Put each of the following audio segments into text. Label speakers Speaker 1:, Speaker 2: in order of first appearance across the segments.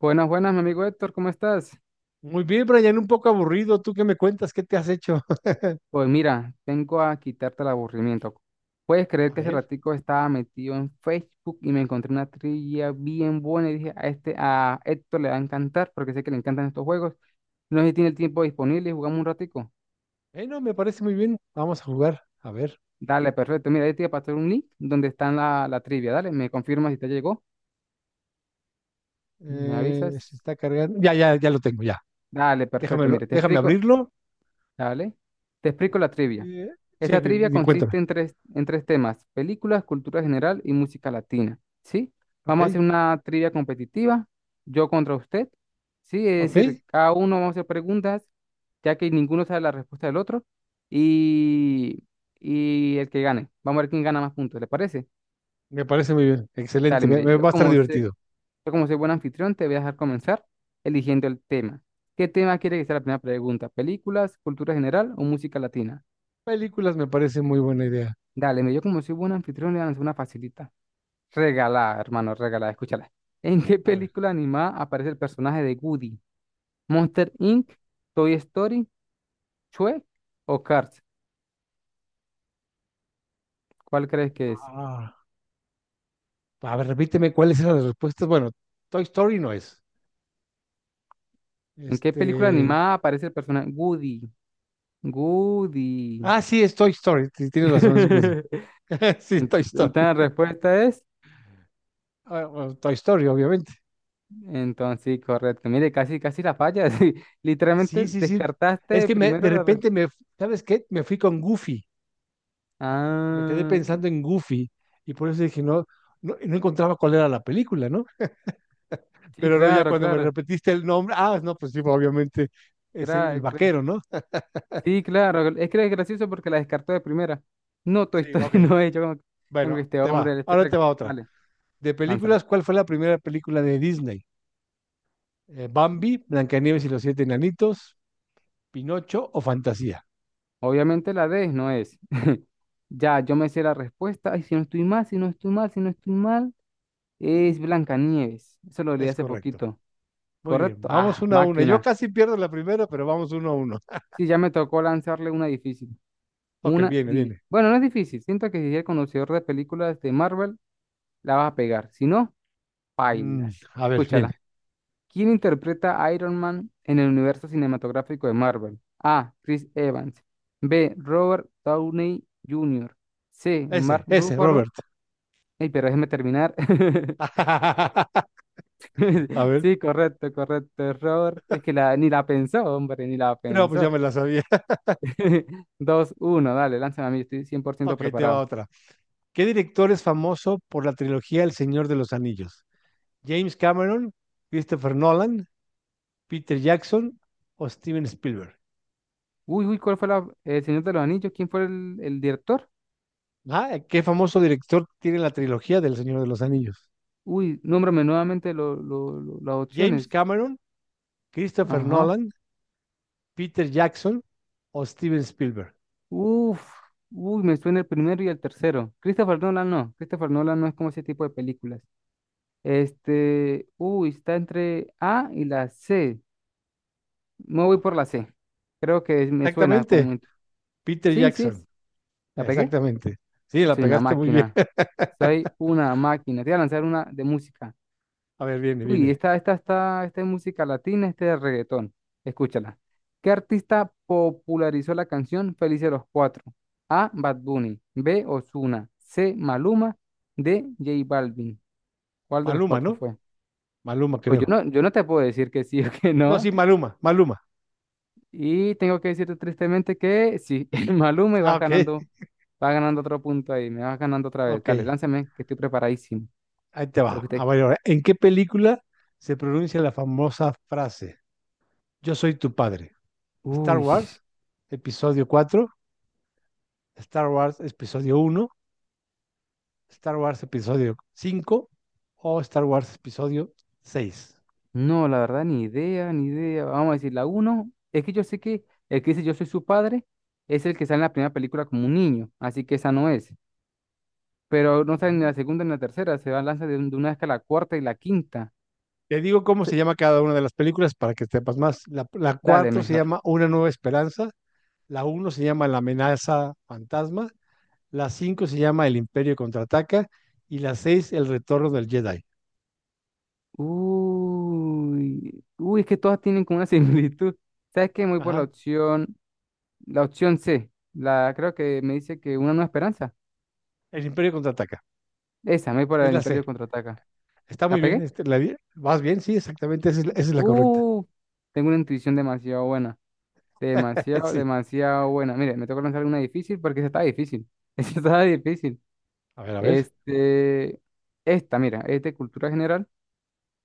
Speaker 1: Buenas, buenas, mi amigo Héctor, ¿cómo estás?
Speaker 2: Muy bien, Brian, un poco aburrido. ¿Tú qué me cuentas? ¿Qué te has hecho?
Speaker 1: Pues mira, vengo a quitarte el aburrimiento. ¿Puedes
Speaker 2: A
Speaker 1: creer que hace
Speaker 2: ver.
Speaker 1: ratico estaba metido en Facebook y me encontré una trivia bien buena y dije, a este, a Héctor le va a encantar porque sé que le encantan estos juegos? No sé si tiene el tiempo disponible y jugamos un ratico.
Speaker 2: Bueno, me parece muy bien. Vamos a jugar. A ver.
Speaker 1: Dale, perfecto. Mira, ahí te voy a pasar un link donde está la trivia. Dale, me confirmas si te llegó, me avisas.
Speaker 2: Se está cargando. Ya, ya, ya lo tengo, ya.
Speaker 1: Dale, perfecto.
Speaker 2: Déjamelo,
Speaker 1: Mire, te
Speaker 2: déjame
Speaker 1: explico.
Speaker 2: abrirlo.
Speaker 1: Dale, te explico la trivia.
Speaker 2: Eh, sí,
Speaker 1: Esta trivia
Speaker 2: cuéntame.
Speaker 1: consiste en tres temas, películas, cultura general y música latina, ¿sí?
Speaker 2: Ok,
Speaker 1: Vamos a hacer una trivia competitiva, yo contra usted, ¿sí? Es decir,
Speaker 2: ok.
Speaker 1: cada uno vamos a hacer preguntas, ya que ninguno sabe la respuesta del otro, y, y el que gane. Vamos a ver quién gana más puntos, ¿le parece?
Speaker 2: Me parece muy bien. Excelente.
Speaker 1: Dale,
Speaker 2: Me,
Speaker 1: mire,
Speaker 2: me
Speaker 1: yo
Speaker 2: va a estar
Speaker 1: como sé,
Speaker 2: divertido.
Speaker 1: yo como soy buen anfitrión, te voy a dejar comenzar eligiendo el tema. ¿Qué tema quiere que sea la primera pregunta? ¿Películas, cultura general o música latina?
Speaker 2: Películas me parece muy buena idea.
Speaker 1: Dale, mire, yo como soy buen anfitrión, le voy a lanzar una facilita. Regalada, hermano, regalada, escúchala. ¿En qué
Speaker 2: A ver.
Speaker 1: película animada aparece el personaje de Woody? ¿Monster Inc., Toy Story, Chue o Cars? ¿Cuál crees que es?
Speaker 2: Ah, a ver, repíteme cuáles eran las respuestas. Bueno, Toy Story no es.
Speaker 1: ¿En qué película
Speaker 2: Este.
Speaker 1: animada aparece el personaje Woody? Woody.
Speaker 2: Ah, sí, es Toy Story. Sí, tienes razón, es Woody. Sí,
Speaker 1: Entonces
Speaker 2: Toy Story.
Speaker 1: la respuesta es,
Speaker 2: Ah, bueno, Toy Story, obviamente.
Speaker 1: entonces sí, correcto. Mire, casi, casi la falla. Sí.
Speaker 2: Sí,
Speaker 1: Literalmente
Speaker 2: sí, sí. Es
Speaker 1: descartaste
Speaker 2: que me, de
Speaker 1: primero la respuesta.
Speaker 2: repente me, ¿sabes qué? Me fui con Goofy. Me quedé
Speaker 1: Ah,
Speaker 2: pensando en Goofy y por eso dije, no, no, no encontraba cuál era la película, ¿no?
Speaker 1: sí,
Speaker 2: Pero no, ya
Speaker 1: claro,
Speaker 2: cuando me
Speaker 1: claro.
Speaker 2: repetiste el nombre, ah, no, pues sí, obviamente es el
Speaker 1: Claro,
Speaker 2: vaquero, ¿no?
Speaker 1: sí, claro, es que es gracioso porque la descartó de primera. No, Toy
Speaker 2: Sí,
Speaker 1: Story
Speaker 2: ok.
Speaker 1: no es. Yo como que
Speaker 2: Bueno,
Speaker 1: este
Speaker 2: te va.
Speaker 1: hombre,
Speaker 2: Ahora te va otra.
Speaker 1: dale,
Speaker 2: De
Speaker 1: lánzala.
Speaker 2: películas, ¿cuál fue la primera película de Disney? Bambi, Blancanieves y los siete enanitos, Pinocho o Fantasía.
Speaker 1: Obviamente la D no es. Ya, yo me sé la respuesta. Ay, si no estoy mal, es Blancanieves. Eso lo leí
Speaker 2: Es
Speaker 1: hace
Speaker 2: correcto.
Speaker 1: poquito.
Speaker 2: Muy bien,
Speaker 1: ¿Correcto?
Speaker 2: vamos
Speaker 1: Ah,
Speaker 2: uno a uno. Yo
Speaker 1: máquina.
Speaker 2: casi pierdo la primera, pero vamos uno a uno.
Speaker 1: Sí, ya me tocó lanzarle una difícil.
Speaker 2: Ok,
Speaker 1: Una
Speaker 2: viene,
Speaker 1: di.
Speaker 2: viene.
Speaker 1: Bueno, no es difícil. Siento que si eres conocedor de películas de Marvel, la vas a pegar. Si no,
Speaker 2: Mm,
Speaker 1: bailas.
Speaker 2: a ver, viene.
Speaker 1: Escúchala. ¿Quién interpreta a Iron Man en el universo cinematográfico de Marvel? A. Chris Evans. B. Robert Downey Jr. C.
Speaker 2: Ese,
Speaker 1: Mark
Speaker 2: ese,
Speaker 1: Ruffalo.
Speaker 2: Robert.
Speaker 1: Ey, pero déjeme terminar.
Speaker 2: A ver.
Speaker 1: Sí, correcto, correcto, Robert. Es que la, ni la pensó, hombre, ni la
Speaker 2: No, pues ya
Speaker 1: pensó.
Speaker 2: me la sabía.
Speaker 1: Dos, uno, dale, lánzame a mí, estoy 100%
Speaker 2: Ok, te va
Speaker 1: preparado.
Speaker 2: otra. ¿Qué director es famoso por la trilogía El Señor de los Anillos? ¿James Cameron, Christopher Nolan, Peter Jackson o Steven Spielberg?
Speaker 1: Uy, uy, ¿cuál fue la, el Señor de los Anillos? ¿Quién fue el director?
Speaker 2: Ah, ¿qué famoso director tiene la trilogía del Señor de los Anillos?
Speaker 1: Uy, nómbrame nuevamente las
Speaker 2: ¿James
Speaker 1: opciones.
Speaker 2: Cameron, Christopher
Speaker 1: Ajá.
Speaker 2: Nolan, Peter Jackson o Steven Spielberg?
Speaker 1: Uf, uy, me suena el primero y el tercero. Christopher Nolan no. Christopher Nolan no es como ese tipo de películas. Este, uy, está entre A y la C. Me voy
Speaker 2: Ah,
Speaker 1: por la C. Me suena
Speaker 2: exactamente.
Speaker 1: como.
Speaker 2: Peter
Speaker 1: Sí, sí, es.
Speaker 2: Jackson,
Speaker 1: ¿La pegué?
Speaker 2: exactamente. Sí, la
Speaker 1: Soy una
Speaker 2: pegaste muy bien.
Speaker 1: máquina. Soy una máquina. Te voy a lanzar una de música.
Speaker 2: A ver, viene,
Speaker 1: Uy,
Speaker 2: viene.
Speaker 1: esta es música latina, este es reggaetón. Escúchala. ¿Qué artista popularizó la canción Felices los Cuatro? A. Bad Bunny. B. Ozuna. C. Maluma. D. J Balvin. ¿Cuál de los
Speaker 2: Maluma,
Speaker 1: cuatro
Speaker 2: ¿no?
Speaker 1: fue?
Speaker 2: Maluma,
Speaker 1: Pues
Speaker 2: creo.
Speaker 1: yo no te puedo decir que sí o que
Speaker 2: No,
Speaker 1: no.
Speaker 2: sí, Maluma, Maluma.
Speaker 1: Y tengo que decirte tristemente que sí, el Maluma y
Speaker 2: Ah, ok,
Speaker 1: vas ganando otro punto ahí, me vas ganando otra vez.
Speaker 2: ok.
Speaker 1: Dale, lánzame, que estoy preparadísimo.
Speaker 2: Ahí te
Speaker 1: Creo
Speaker 2: va.
Speaker 1: que
Speaker 2: A
Speaker 1: usted-
Speaker 2: ver, ahora, ¿en qué película se pronuncia la famosa frase Yo soy tu padre? Star
Speaker 1: Uy.
Speaker 2: Wars, episodio 4. Star Wars, episodio uno. Star Wars, episodio 5. O Star Wars, episodio seis.
Speaker 1: No, la verdad, ni idea, ni idea. Vamos a decir, la uno, es que yo sé que el que dice yo soy su padre es el que sale en la primera película como un niño, así que esa no es. Pero no sale ni la segunda ni la tercera, se va a lanzar de una vez que la cuarta y la quinta.
Speaker 2: Te digo cómo
Speaker 1: Se-
Speaker 2: se llama cada una de las películas para que sepas más. La
Speaker 1: Dale,
Speaker 2: cuatro se
Speaker 1: mejor.
Speaker 2: llama Una Nueva Esperanza, la uno se llama La Amenaza Fantasma, la cinco se llama El Imperio Contraataca y la seis El Retorno del Jedi.
Speaker 1: Uy, uy, es que todas tienen como una similitud. ¿Sabes qué? Me voy por
Speaker 2: Ajá,
Speaker 1: la opción C. La, creo que me dice que una nueva esperanza.
Speaker 2: El Imperio Contraataca,
Speaker 1: Esa, me voy por
Speaker 2: es
Speaker 1: el
Speaker 2: la C.
Speaker 1: Imperio Contraataca.
Speaker 2: Está
Speaker 1: ¿La
Speaker 2: muy bien,
Speaker 1: pegué?
Speaker 2: este, ¿vas bien? Sí, exactamente, esa es, esa es la correcta.
Speaker 1: Uh, tengo una intuición demasiado buena. Demasiado,
Speaker 2: Sí,
Speaker 1: demasiado buena. Mire, me toca lanzar una difícil porque esa está difícil. Esa está difícil.
Speaker 2: a ver, a ver.
Speaker 1: Este, esta, mira, es de cultura general.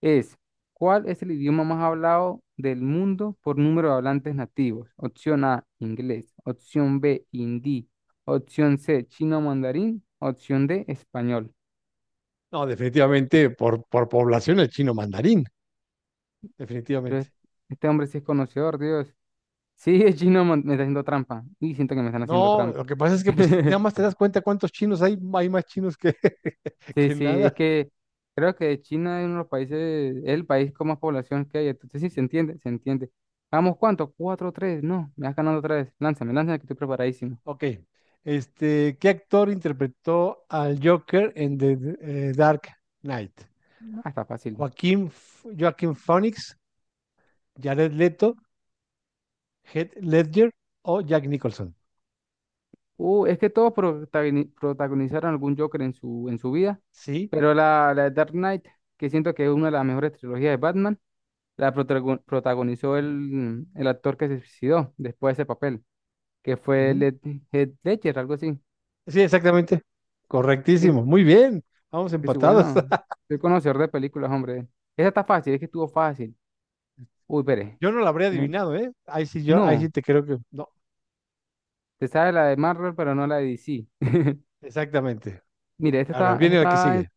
Speaker 1: Es, ¿cuál es el idioma más hablado del mundo por número de hablantes nativos? Opción A, inglés. Opción B, hindi. Opción C, chino mandarín. Opción D, español.
Speaker 2: No, definitivamente por población el chino mandarín,
Speaker 1: Pero es-
Speaker 2: definitivamente.
Speaker 1: este hombre sí es conocedor, Dios. Sí, es chino, me está haciendo trampa. Y siento que me están haciendo
Speaker 2: No,
Speaker 1: trampa.
Speaker 2: lo que pasa es que pues nada más te das cuenta cuántos chinos hay, hay más chinos que,
Speaker 1: Sí,
Speaker 2: que
Speaker 1: sí, es
Speaker 2: nada.
Speaker 1: que creo que China es uno de los países, es el país con más población que hay, entonces sí, se entiende, se entiende. Vamos, ¿cuánto? Cuatro, tres, no, me vas ganando otra vez, lánzame, lánzame que estoy preparadísimo.
Speaker 2: Ok, este, ¿qué actor interpretó al Joker en The Dark Knight?
Speaker 1: Ah, está fácil.
Speaker 2: Joaquín, Joaquín Phoenix, Jared Leto, Heath Ledger o Jack Nicholson.
Speaker 1: Es que todos protagonizaron algún Joker en su vida,
Speaker 2: Sí,
Speaker 1: pero la de Dark Knight, que siento que es una de las mejores trilogías de Batman, la protagonizó el actor que se suicidó después de ese papel, que fue
Speaker 2: ujú.
Speaker 1: Led Heath Ledger, algo así,
Speaker 2: Sí, exactamente.
Speaker 1: sí.
Speaker 2: Correctísimo. Muy bien. Vamos
Speaker 1: Que sí,
Speaker 2: empatados.
Speaker 1: bueno, soy conocedor de películas, hombre. Esa está fácil, es que estuvo fácil. Uy, pere.
Speaker 2: Yo no lo habría
Speaker 1: Eh,
Speaker 2: adivinado, ¿eh? Ahí sí yo, ahí sí
Speaker 1: No,
Speaker 2: te creo que no.
Speaker 1: te sabes la de Marvel, pero no la de DC.
Speaker 2: Exactamente.
Speaker 1: Mire,
Speaker 2: A ver,
Speaker 1: esta
Speaker 2: viene la que
Speaker 1: está,
Speaker 2: sigue.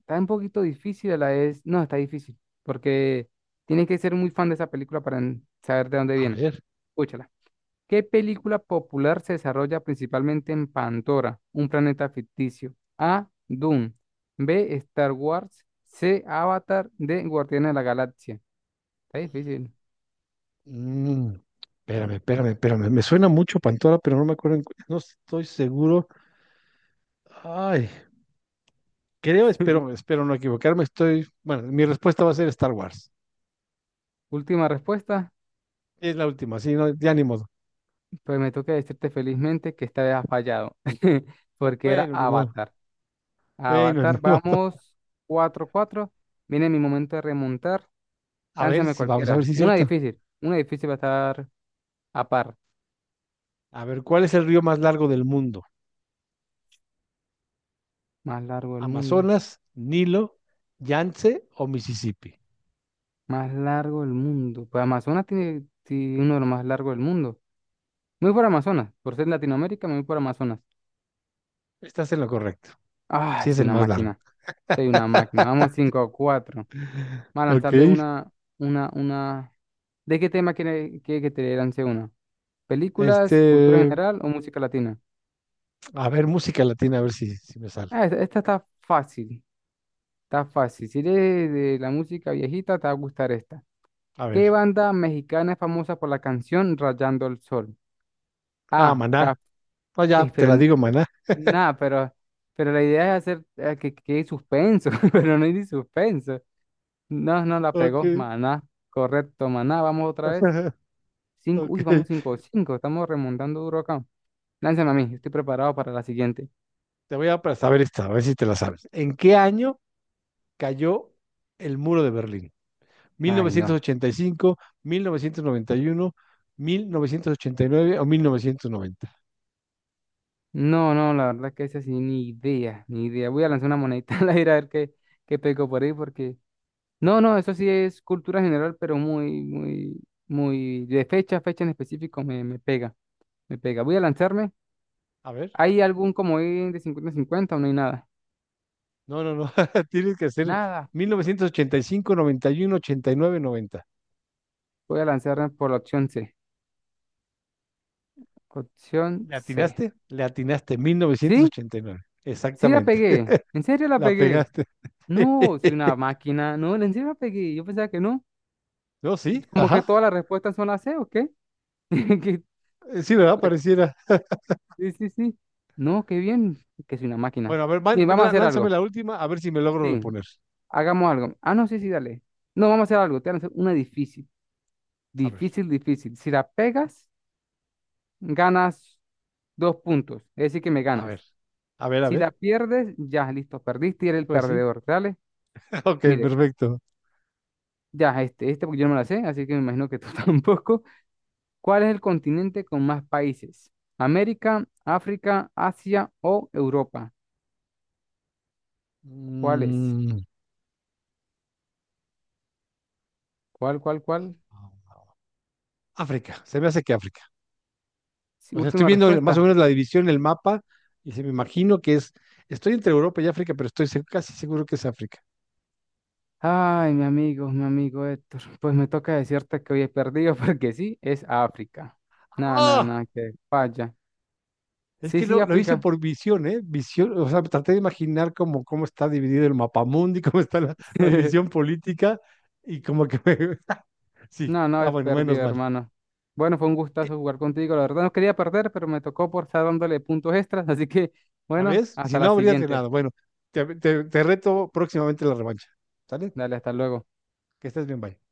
Speaker 1: está un poquito difícil, la es. No, está difícil, porque tienes que ser muy fan de esa película para saber de dónde
Speaker 2: A
Speaker 1: viene.
Speaker 2: ver.
Speaker 1: Escúchala. ¿Qué película popular se desarrolla principalmente en Pandora, un planeta ficticio? A. Dune. B. Star Wars. C. Avatar. D. Guardianes de la Galaxia. Está difícil.
Speaker 2: Mm, espérame, espérame, espérame. Me suena mucho Pantora, pero no me acuerdo, no estoy seguro. Ay, creo, espero no equivocarme. Estoy, bueno, mi respuesta va a ser Star Wars.
Speaker 1: Última respuesta,
Speaker 2: Es la última, sí, no, ya ni modo.
Speaker 1: pues me toca decirte felizmente que esta vez has fallado, porque era
Speaker 2: Bueno, ni modo.
Speaker 1: Avatar.
Speaker 2: Bueno, ni
Speaker 1: Avatar,
Speaker 2: modo.
Speaker 1: vamos cuatro cuatro. Viene mi momento de remontar.
Speaker 2: A ver
Speaker 1: Lánzame
Speaker 2: si vamos a ver
Speaker 1: cualquiera.
Speaker 2: si es cierto.
Speaker 1: Una difícil va a estar a par.
Speaker 2: A ver, ¿cuál es el río más largo del mundo?
Speaker 1: Más largo del mundo,
Speaker 2: ¿Amazonas, Nilo, Yangtze o Mississippi?
Speaker 1: más largo del mundo. Pues Amazonas tiene, tiene uno de los más largos del mundo. Muy por Amazonas, por ser Latinoamérica, muy por Amazonas.
Speaker 2: Estás en lo correcto. Sí
Speaker 1: Ay,
Speaker 2: es
Speaker 1: soy
Speaker 2: el
Speaker 1: una
Speaker 2: más largo.
Speaker 1: máquina, soy una máquina. Vamos cinco cuatro. Vamos a
Speaker 2: Ok.
Speaker 1: lanzarle una. ¿De qué tema quiere que te lance uno? ¿Películas, cultura
Speaker 2: Este,
Speaker 1: general o música latina?
Speaker 2: a ver, música latina, a ver si me sale.
Speaker 1: Ah, esta está fácil, está fácil. Si eres de la música viejita, te va a gustar esta.
Speaker 2: A
Speaker 1: ¿Qué
Speaker 2: ver.
Speaker 1: banda mexicana es famosa por la canción Rayando el Sol?
Speaker 2: Ah,
Speaker 1: Ah,
Speaker 2: Maná.
Speaker 1: Caf-
Speaker 2: No, ya te
Speaker 1: pero
Speaker 2: la digo, Maná.
Speaker 1: nada, pero la idea es hacer que quede suspenso, pero no hay ni suspenso. No, no la pegó,
Speaker 2: Ok.
Speaker 1: maná. Correcto, maná. Vamos otra vez. Cinco, uy,
Speaker 2: Ok.
Speaker 1: vamos cinco, cinco, estamos remontando duro acá. Lánzame a mí, estoy preparado para la siguiente.
Speaker 2: Te voy a para saber esta, a ver si te la sabes. ¿En qué año cayó el muro de Berlín?
Speaker 1: Ay, no.
Speaker 2: ¿1985, 1991, 1989 o 1990?
Speaker 1: No, no, la verdad que esa sí, ni idea, ni idea. Voy a lanzar una monedita al aire a ver qué, qué pego por ahí, porque. No, no, eso sí es cultura general, pero muy. De fecha a fecha en específico me pega, me pega. Voy a lanzarme.
Speaker 2: A ver.
Speaker 1: ¿Hay algún comodín de 50 cincuenta o no hay nada?
Speaker 2: No, no, no. Tienes que hacer
Speaker 1: Nada.
Speaker 2: 1985, 91, 89, 90.
Speaker 1: Voy a lanzarme por la opción C. Opción
Speaker 2: ¿Le
Speaker 1: C.
Speaker 2: atinaste? Le atinaste
Speaker 1: ¿Sí?
Speaker 2: 1989.
Speaker 1: Sí la
Speaker 2: Exactamente.
Speaker 1: pegué. ¿En serio la
Speaker 2: La
Speaker 1: pegué?
Speaker 2: pegaste.
Speaker 1: No, soy una máquina. No, en serio la pegué. Yo pensaba que no.
Speaker 2: No, sí,
Speaker 1: Como que
Speaker 2: ajá.
Speaker 1: todas las respuestas son la C, ¿o qué? que
Speaker 2: Sí, ¿verdad?
Speaker 1: la-
Speaker 2: Pareciera.
Speaker 1: Sí, sí, sí. No, qué bien, que soy una máquina.
Speaker 2: Bueno, a ver,
Speaker 1: Bien, vamos a hacer
Speaker 2: lánzame
Speaker 1: algo.
Speaker 2: la última, a ver si me logro
Speaker 1: Sí,
Speaker 2: reponer.
Speaker 1: hagamos algo. Ah, no, sí, sí, dale. No, vamos a hacer algo. Te voy a hacer una difícil.
Speaker 2: A ver,
Speaker 1: Difícil, difícil. Si la pegas, ganas dos puntos. Es decir, que me
Speaker 2: a
Speaker 1: ganas.
Speaker 2: ver, a ver, a
Speaker 1: Si la
Speaker 2: ver.
Speaker 1: pierdes, ya, listo, perdiste y eres el
Speaker 2: Pues sí.
Speaker 1: perdedor. Dale.
Speaker 2: Ok,
Speaker 1: Mire,
Speaker 2: perfecto.
Speaker 1: ya, porque yo no me la sé, así que me imagino que tú tampoco. ¿Cuál es el continente con más países? ¿América, África, Asia o Europa? ¿Cuál es?
Speaker 2: Mm,
Speaker 1: ¿Cuál?
Speaker 2: África, se me hace que África.
Speaker 1: Sí,
Speaker 2: O sea, estoy
Speaker 1: última
Speaker 2: viendo más o
Speaker 1: respuesta.
Speaker 2: menos la división, el mapa, y se me imagino que es, estoy entre Europa y África, pero estoy casi seguro que es África.
Speaker 1: Ay, mi amigo Héctor, pues me toca decirte que hoy he perdido porque sí, es África. No, no,
Speaker 2: ¡Ah!
Speaker 1: no, que falla.
Speaker 2: Es
Speaker 1: Sí,
Speaker 2: que
Speaker 1: sí,
Speaker 2: lo hice
Speaker 1: África.
Speaker 2: por visión, ¿eh? Visión, o sea, traté de imaginar cómo está dividido el mapamundi, cómo está la división política, y como que Sí,
Speaker 1: No, no,
Speaker 2: ah,
Speaker 1: he
Speaker 2: bueno, menos
Speaker 1: perdido,
Speaker 2: mal.
Speaker 1: hermano. Bueno, fue un gustazo jugar contigo. La verdad no quería perder, pero me tocó por estar dándole puntos extras. Así que,
Speaker 2: ¿Ya
Speaker 1: bueno,
Speaker 2: ves? Si
Speaker 1: hasta
Speaker 2: no
Speaker 1: la
Speaker 2: habrías
Speaker 1: siguiente.
Speaker 2: ganado. Bueno, te reto próximamente en la revancha. ¿Sale?
Speaker 1: Dale, hasta luego.
Speaker 2: Que estés bien, bye.